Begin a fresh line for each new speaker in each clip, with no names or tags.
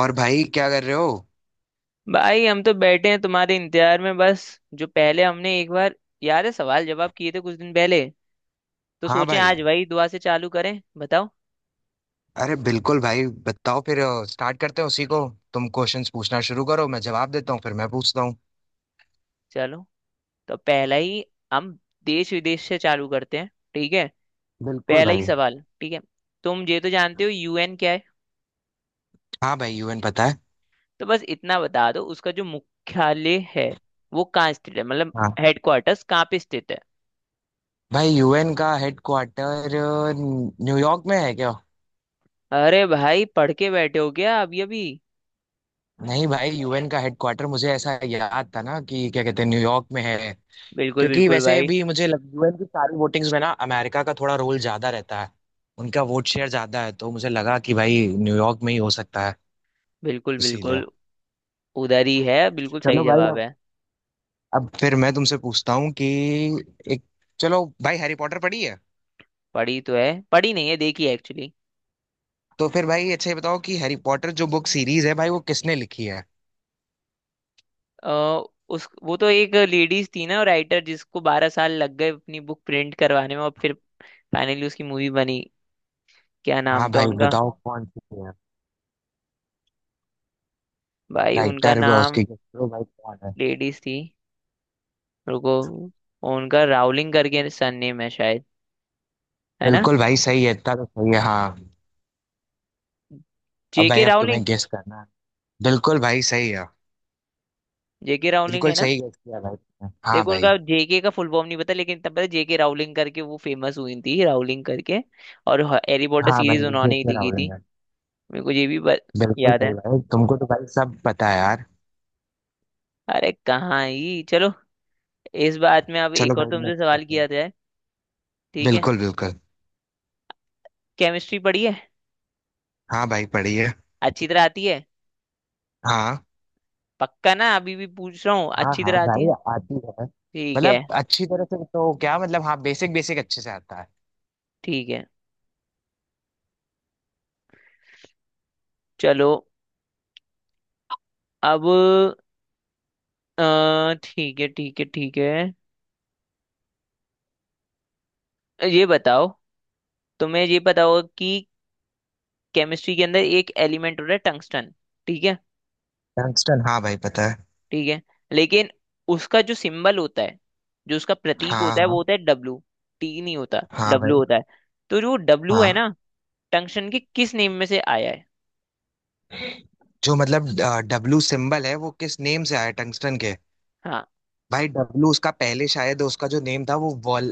और भाई क्या कर रहे हो।
भाई हम तो बैठे हैं तुम्हारे इंतजार में बस। जो पहले हमने एक बार याद है सवाल जवाब किए थे कुछ दिन पहले, तो
हाँ
सोचे
भाई।
आज वही दुआ से चालू करें। बताओ,
अरे बिल्कुल भाई बताओ फिर। स्टार्ट करते हैं उसी को। तुम क्वेश्चंस पूछना शुरू करो मैं जवाब देता हूँ फिर मैं पूछता हूँ।
चलो। तो पहला ही, हम देश विदेश से चालू करते हैं, ठीक है।
बिल्कुल
पहला ही
भाई।
सवाल, ठीक है। तुम ये तो जानते हो यूएन क्या है।
हाँ भाई यूएन पता है।
तो बस इतना बता दो उसका जो मुख्यालय है वो कहाँ स्थित है। मतलब
हाँ
हेडक्वार्टर्स कहाँ पे स्थित है।
भाई यूएन का हेडक्वार्टर न्यूयॉर्क में है क्या?
अरे भाई, पढ़ के बैठे हो क्या अभी अभी।
नहीं भाई यूएन का हेडक्वार्टर मुझे ऐसा याद था ना कि क्या कहते हैं न्यूयॉर्क में है।
बिल्कुल
क्योंकि
बिल्कुल
वैसे
भाई।
भी यूएन की सारी वोटिंग्स में ना अमेरिका का थोड़ा रोल ज्यादा रहता है। उनका वोट शेयर ज्यादा है तो मुझे लगा कि भाई न्यूयॉर्क में ही हो सकता है,
बिल्कुल
इसीलिए।
बिल्कुल, उधर ही है। बिल्कुल सही
चलो भाई।
जवाब है।
अब फिर मैं तुमसे पूछता हूँ कि एक, चलो भाई हैरी पॉटर पढ़ी है।
पढ़ी तो है, पढ़ी नहीं है, देखी है एक्चुअली।
तो फिर भाई अच्छा ये बताओ कि हैरी पॉटर जो बुक सीरीज है भाई वो किसने लिखी है।
अ, उस, वो तो एक लेडीज थी ना राइटर, जिसको 12 साल लग गए अपनी बुक प्रिंट करवाने में, और फिर फाइनली उसकी मूवी बनी। क्या नाम
हाँ
था
भाई
उनका।
बताओ कौन सी है।
भाई उनका
राइटर
नाम,
उसकी guess करो भाई कौन है।
लेडीज थी। रुको, उनका रावलिंग करके सरनेम है शायद, है ना।
बिल्कुल भाई सही है, इतना तो सही है हाँ। अब भाई
जेके
अब
रावलिंग।
तुम्हें गेस करना है। बिल्कुल भाई सही है।
जेके रावलिंग
बिल्कुल
है ना।
सही गेस किया भाई तुमने, हाँ
देखो,
भाई।
उनका जेके का फुल फॉर्म नहीं पता, लेकिन तब पता जेके रावलिंग करके वो फेमस हुई थी, रावलिंग करके। और हैरी पॉटर
हाँ
सीरीज
भाई
उन्होंने ही
जेके
लिखी
रावलिंग
थी।
है।
मेरे को ये भी बत,
बिल्कुल
याद
सही
है।
भाई, तुमको तो भाई सब पता है यार।
अरे कहाँ ही चलो। इस बात में अब
चलो
एक और
भाई
तुमसे
नेक्स्ट
सवाल
क्वेश्चन।
किया जाए। ठीक है।
बिल्कुल बिल्कुल।
केमिस्ट्री पढ़ी है।
हाँ भाई पढ़िए।
अच्छी तरह आती है।
हाँ।
पक्का ना, अभी भी पूछ रहा हूँ,
हाँ
अच्छी
हाँ
तरह आती
भाई
है।
आती है।
ठीक है।
मतलब अच्छी तरह से तो क्या मतलब, हाँ बेसिक बेसिक अच्छे से आता है।
ठीक है, चलो। अब ठीक है ठीक है ठीक है। ये बताओ, तुम्हें ये पता होगा कि केमिस्ट्री के अंदर एक एलिमेंट होता है टंगस्टन, ठीक है।
टंगस्टन हाँ भाई पता है।
ठीक है, लेकिन उसका जो सिंबल होता है, जो उसका प्रतीक
हाँ
होता है, वो
हाँ।
होता है डब्लू। टी नहीं होता,
हाँ
डब्लू
भाई।
होता है। तो जो डब्लू है
हाँ
ना, टंक्शन के किस नेम में से आया है।
जो मतलब डब्लू सिंबल है वो किस नेम से आया टंगस्टन के।
हाँ
भाई डब्लू उसका, पहले शायद उसका जो नेम था वो वॉल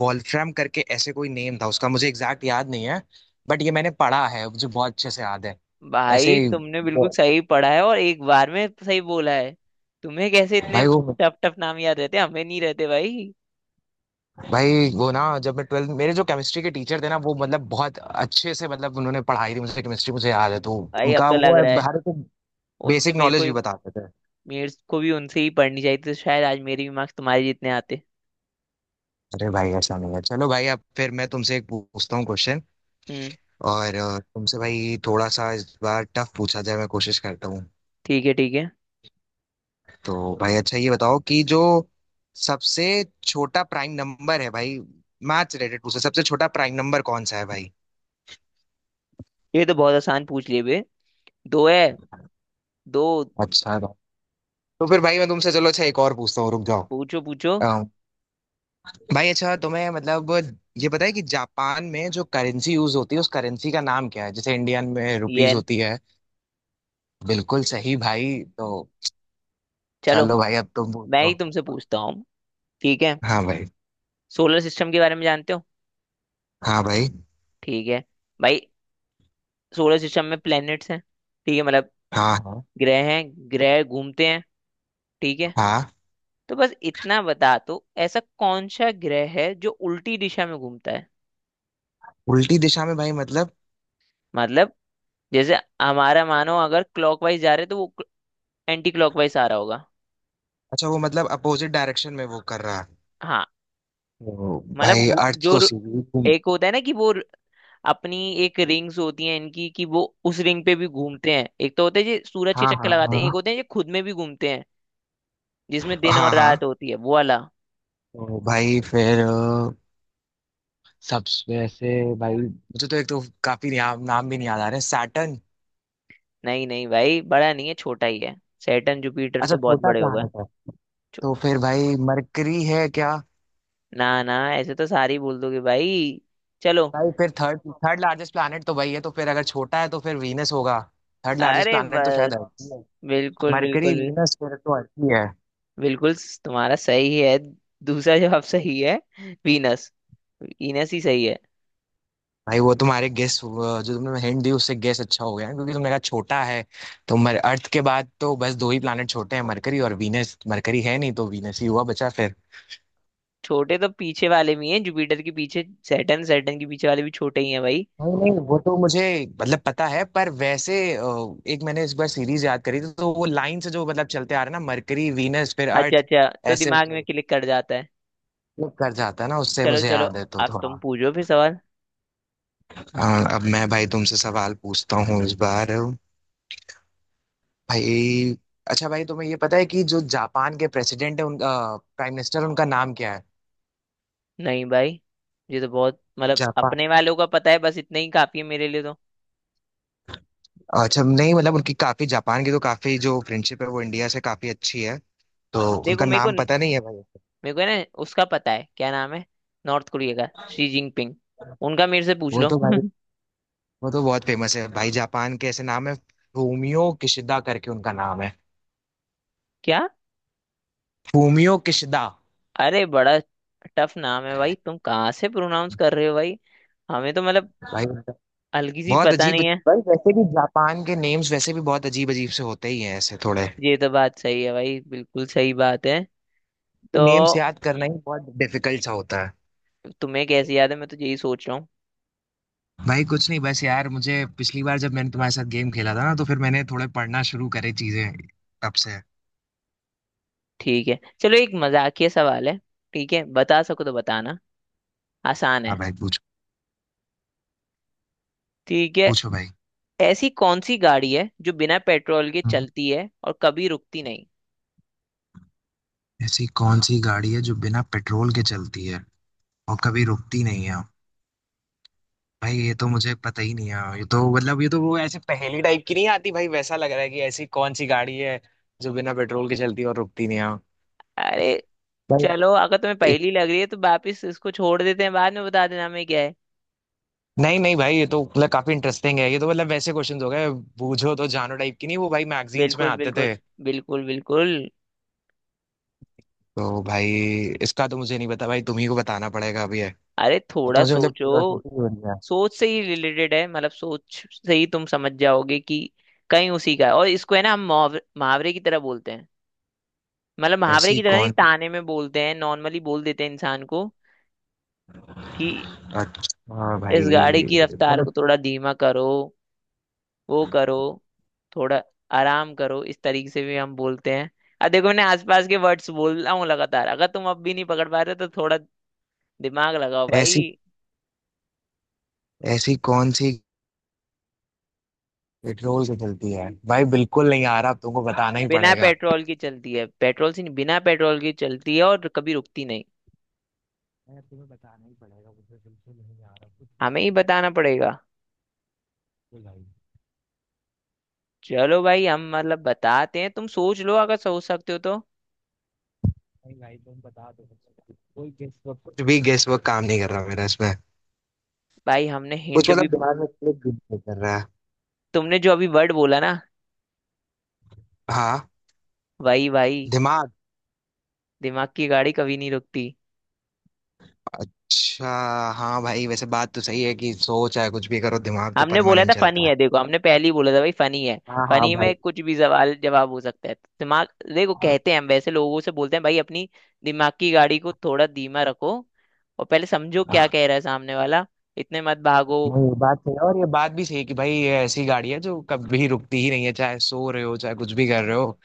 वॉल्फ्राम करके ऐसे कोई नेम था उसका, मुझे एग्जैक्ट याद नहीं है। बट ये मैंने पढ़ा है, मुझे बहुत अच्छे से याद है। ऐसे
भाई,
ही
तुमने
वो,
बिल्कुल सही पढ़ा है, और एक बार में सही बोला है। तुम्हें कैसे इतने
भाई वो
टफ टफ नाम याद रहते हैं? हमें नहीं रहते भाई।
भाई वो ना जब मैं ट्वेल्थ, मेरे जो केमिस्ट्री के टीचर थे ना वो मतलब बहुत अच्छे से, मतलब उन्होंने पढ़ाई थी मुझसे केमिस्ट्री, मुझे याद है तो।
भाई अब
उनका
तो
वो
लग
है,
रहा है
हर एक
उनसे,
बेसिक
मेरे
नॉलेज
को,
भी बताते थे।
मेरे को भी उनसे ही पढ़नी चाहिए थी, तो शायद आज मेरे भी मार्क्स तुम्हारे जितने आते।
अरे भाई ऐसा नहीं है, चलो भाई अब फिर मैं तुमसे एक पूछता हूँ क्वेश्चन।
हम्म।
और तुमसे भाई थोड़ा सा इस बार टफ पूछा जाए, मैं कोशिश करता हूँ।
ठीक है, ठीक है।
तो भाई अच्छा ये बताओ कि जो सबसे छोटा प्राइम नंबर है भाई, मैथ्स रिलेटेड पूछा, सबसे छोटा प्राइम नंबर कौन सा है भाई।
ये तो बहुत आसान पूछ लिए बे। दो है, दो।
अच्छा तो फिर भाई मैं तुमसे चलो अच्छा एक और पूछता हूँ, रुक जाओ।
पूछो पूछो।
भाई अच्छा तुम्हें मतलब ये पता है कि जापान में जो करेंसी यूज होती है उस करेंसी का नाम क्या है, जैसे इंडियन में
ये।
रुपीस होती है। बिल्कुल सही भाई तो,
चलो,
चलो भाई अब तुम
मैं ही
पूछो।
तुमसे पूछता हूँ, ठीक है।
हाँ भाई।
सोलर सिस्टम के बारे में जानते हो।
हाँ भाई।
ठीक है। भाई सोलर सिस्टम में प्लैनेट्स हैं, ठीक है, मतलब
हाँ हाँ।
ग्रह हैं। ग्रह घूमते हैं, ठीक है।
हाँ
तो बस इतना बता, तो ऐसा कौन सा ग्रह है जो उल्टी दिशा में घूमता है।
उल्टी दिशा में भाई मतलब?
मतलब जैसे हमारा, मानो अगर क्लॉकवाइज जा रहे तो वो एंटी क्लॉकवाइज आ रहा होगा।
अच्छा वो मतलब अपोजिट डायरेक्शन में वो कर रहा है।
हाँ।
तो
मतलब
भाई अर्थ तो सीधी घूम।
एक होता है ना कि वो अपनी, एक रिंग्स होती हैं इनकी कि वो उस रिंग पे भी घूमते हैं। एक तो होते हैं जो सूरज के
हाँ
चक्कर
हाँ
लगाते हैं, एक
हाँ।
होते हैं जो खुद में भी घूमते हैं, जिसमें दिन
हाँ
और रात
हाँ।
होती है, वो वाला।
तो भाई फिर सबसे ऐसे, भाई मुझे तो एक तो काफी नाम नाम भी नहीं याद आ रहे, सैटर्न?
नहीं नहीं भाई, बड़ा नहीं है, छोटा ही है। सैटर्न जुपिटर
अच्छा
तो बहुत
छोटा
बड़े हो गए।
प्लानट है।
छो-
तो फिर भाई मरकरी है क्या?
ना ना, ऐसे तो सारी बोल दोगे भाई। चलो,
भाई फिर थर्ड थर्ड लार्जेस्ट प्लैनेट तो वही है, तो फिर अगर छोटा है तो फिर वीनस होगा। थर्ड लार्जेस्ट
अरे
प्लैनेट तो शायद
बस,
अर्थ ही है।
बिल्कुल
मरकरी
बिल्कुल।
वीनस फिर तो अर्थ ही है।
बिल्कुल, तुम्हारा सही है। दूसरा जवाब सही है, वीनस। वीनस ही सही है।
भाई वो तुम्हारे गेस, जो तुमने हिंट दी उससे गेस अच्छा हो गया है, क्योंकि तुमने कहा छोटा है। तो मर, अर्थ के बाद तो बस दो ही प्लैनेट छोटे हैं, मरकरी और वीनस, मरकरी है नहीं तो वीनस ही हुआ बचा फिर।
छोटे तो पीछे वाले भी हैं, जुपिटर के पीछे, सैटर्न, सैटर्न के पीछे वाले भी छोटे ही हैं भाई।
नहीं नहीं वो तो मुझे मतलब पता है, पर वैसे एक मैंने इस बार सीरीज याद करी थी तो वो लाइन से जो मतलब चलते आ रहे हैं ना, मरकरी वीनस फिर
अच्छा
अर्थ,
अच्छा, तो
ऐसे
दिमाग में क्लिक कर जाता है।
वो कर जाता है ना, उससे
चलो
मुझे
चलो,
याद है तो
अब तुम
थोड़ा।
पूछो फिर सवाल।
हाँ, अब मैं भाई तुमसे सवाल पूछता हूँ इस बार। भाई अच्छा भाई तुम्हें ये पता है कि जो जापान के प्रेसिडेंट है उनका, प्राइम मिनिस्टर उनका नाम क्या है।
नहीं भाई, ये तो बहुत मतलब,
जापान,
अपने वालों का पता है, बस इतना ही काफी है मेरे लिए तो।
अच्छा नहीं मतलब उनकी काफी, जापान की तो काफी जो फ्रेंडशिप है वो इंडिया से काफी अच्छी है, तो उनका
देखो, मेरे को,
नाम पता नहीं है
मेरे
भाई।
को है ना उसका पता है क्या नाम है। नॉर्थ कोरिया का शी जिनपिंग, उनका मेरे से पूछ
वो
लो।
तो भाई, वो तो बहुत फेमस है भाई, जापान के ऐसे नाम है, फूमियो किशिदा करके उनका नाम है।
क्या,
फूमियो किशिदा।
अरे बड़ा टफ नाम है भाई, तुम कहाँ से प्रोनाउंस कर रहे हो भाई। हमें तो मतलब
भाई
हल्की सी
बहुत
पता
अजीब,
नहीं है।
भाई वैसे भी जापान के नेम्स वैसे भी बहुत अजीब अजीब से होते ही हैं ऐसे, थोड़े
ये तो बात सही है भाई, बिल्कुल सही बात है। तो
तो नेम्स याद करना ही बहुत डिफिकल्ट सा होता है।
तुम्हें कैसे याद है, मैं तो यही सोच रहा हूँ।
भाई कुछ नहीं बस यार, मुझे पिछली बार जब मैंने तुम्हारे साथ गेम खेला था ना तो फिर मैंने थोड़े पढ़ना शुरू करे चीजें, तब से हाँ।
ठीक है चलो, एक मजाकिया सवाल है, ठीक है। बता सको तो बताना, आसान है।
भाई पूछो।
ठीक है।
पूछो भाई।
ऐसी कौन सी गाड़ी है जो बिना पेट्रोल के
हाँ।
चलती है और कभी रुकती नहीं।
ऐसी कौन सी गाड़ी है जो बिना पेट्रोल के चलती है और कभी रुकती नहीं है। भाई ये तो मुझे पता ही नहीं है, ये तो मतलब ये तो वो ऐसे पहेली टाइप की नहीं आती, भाई वैसा लग रहा है कि ऐसी कौन सी गाड़ी है जो बिना पेट्रोल के चलती है और रुकती नहीं है
अरे
भाई।
चलो, अगर तुम्हें पहली लग रही है तो वापिस इसको छोड़ देते हैं, बाद में बता देना हमें क्या है।
नहीं नहीं भाई ये तो मतलब काफी इंटरेस्टिंग है, ये तो मतलब वैसे क्वेश्चंस हो गए, बूझो तो जानो टाइप की, नहीं वो भाई मैगजीन्स में
बिल्कुल
आते
बिल्कुल।
थे।
बिल्कुल बिल्कुल।
तो भाई इसका तो मुझे नहीं पता भाई, तुम ही को बताना पड़ेगा अभी है।
अरे
अब तो
थोड़ा
मुझे मतलब
सोचो,
क्यूरियोसिटी हो रही है।
सोच से ही रिलेटेड है, मतलब सोच से ही तुम समझ जाओगे कि कहीं उसी का है। और इसको है ना हम मुहावरे, मुहावरे की तरह बोलते हैं, मतलब मुहावरे
ऐसी
की तरह नहीं,
कौन सी,
ताने में बोलते हैं, नॉर्मली बोल देते हैं इंसान को कि
अच्छा भाई
इस गाड़ी की रफ्तार
मतलब,
को थोड़ा धीमा करो, वो करो, थोड़ा आराम करो, इस तरीके से भी हम बोलते हैं। अब देखो, मैंने आसपास के वर्ड्स बोल रहा हूँ लगातार, अगर तुम अब भी नहीं पकड़ पा रहे हो, तो थोड़ा दिमाग लगाओ
ऐसी
भाई।
ऐसी कौन सी पेट्रोल से चलती है भाई, बिल्कुल नहीं आ रहा, अब तुमको बताना ही
बिना
पड़ेगा।
पेट्रोल की चलती है, पेट्रोल से नहीं, बिना पेट्रोल की चलती है और कभी रुकती नहीं।
यार तुम्हें बताना ही पड़ेगा, मुझे बिल्कुल नहीं आ रहा कुछ, नहीं
हमें
तो
ही
बिल्कुल
बताना पड़ेगा।
भाई,
चलो भाई, हम मतलब बताते हैं, तुम सोच लो अगर सोच सकते हो तो।
नहीं भाई तुम बता दो। कोई गेस वर्क, कुछ भी गेस वर्क काम नहीं कर रहा मेरा इसमें,
भाई हमने
कुछ
हिंट
मतलब
भी,
दिमाग में क्लिक भी नहीं कर रहा है।
तुमने जो अभी वर्ड बोला ना,
हाँ।
वही भाई।
दिमाग।
दिमाग की गाड़ी कभी नहीं रुकती।
अच्छा। हाँ भाई वैसे बात तो सही है कि सोच है, कुछ भी करो दिमाग तो
हमने बोला
परमानेंट
था फनी
चलता है।
है, देखो हमने पहले ही बोला था भाई फनी है।
हाँ हाँ
फनी
भाई।
में कुछ भी सवाल जवाब हो सकता है। दिमाग, देखो कहते हैं हम, वैसे लोगों से बोलते हैं भाई, अपनी दिमाग की गाड़ी को थोड़ा धीमा रखो, और पहले समझो क्या कह रहा है सामने वाला, इतने मत भागो।
नहीं ये बात सही है और ये बात भी सही है कि भाई ये ऐसी गाड़ी है जो कभी रुकती ही नहीं है, चाहे सो रहे हो चाहे कुछ भी कर रहे हो,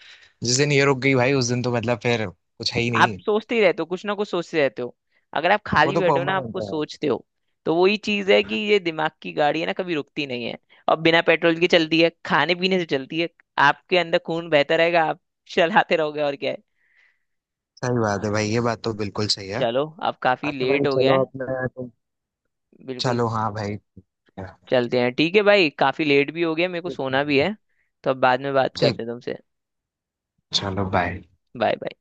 जिस दिन ये रुक गई भाई उस दिन तो मतलब फिर कुछ है ही
आप
नहीं।
सोचते ही रहते हो, कुछ ना कुछ सोचते रहते हो। अगर आप
वो
खाली
तो
बैठे हो ना,
परमानेंट
आपको
है।
सोचते हो। तो वही चीज है कि ये दिमाग की गाड़ी है ना, कभी रुकती नहीं है, और बिना पेट्रोल के चलती है, खाने पीने से चलती है। आपके अंदर खून बहता रहेगा, आप चलाते रहोगे, और क्या है।
सही बात है भाई, ये बात तो बिल्कुल सही है।
चलो अब काफी
अच्छा भाई
लेट हो गया
चलो
है।
अपने तुम,
बिल्कुल,
चलो हाँ भाई,
चलते हैं, ठीक है भाई, काफी लेट भी हो गया, मेरे को सोना भी
ठीक,
है। तो अब बाद में बात करते हैं तुमसे।
चलो बाय।
Bye bye.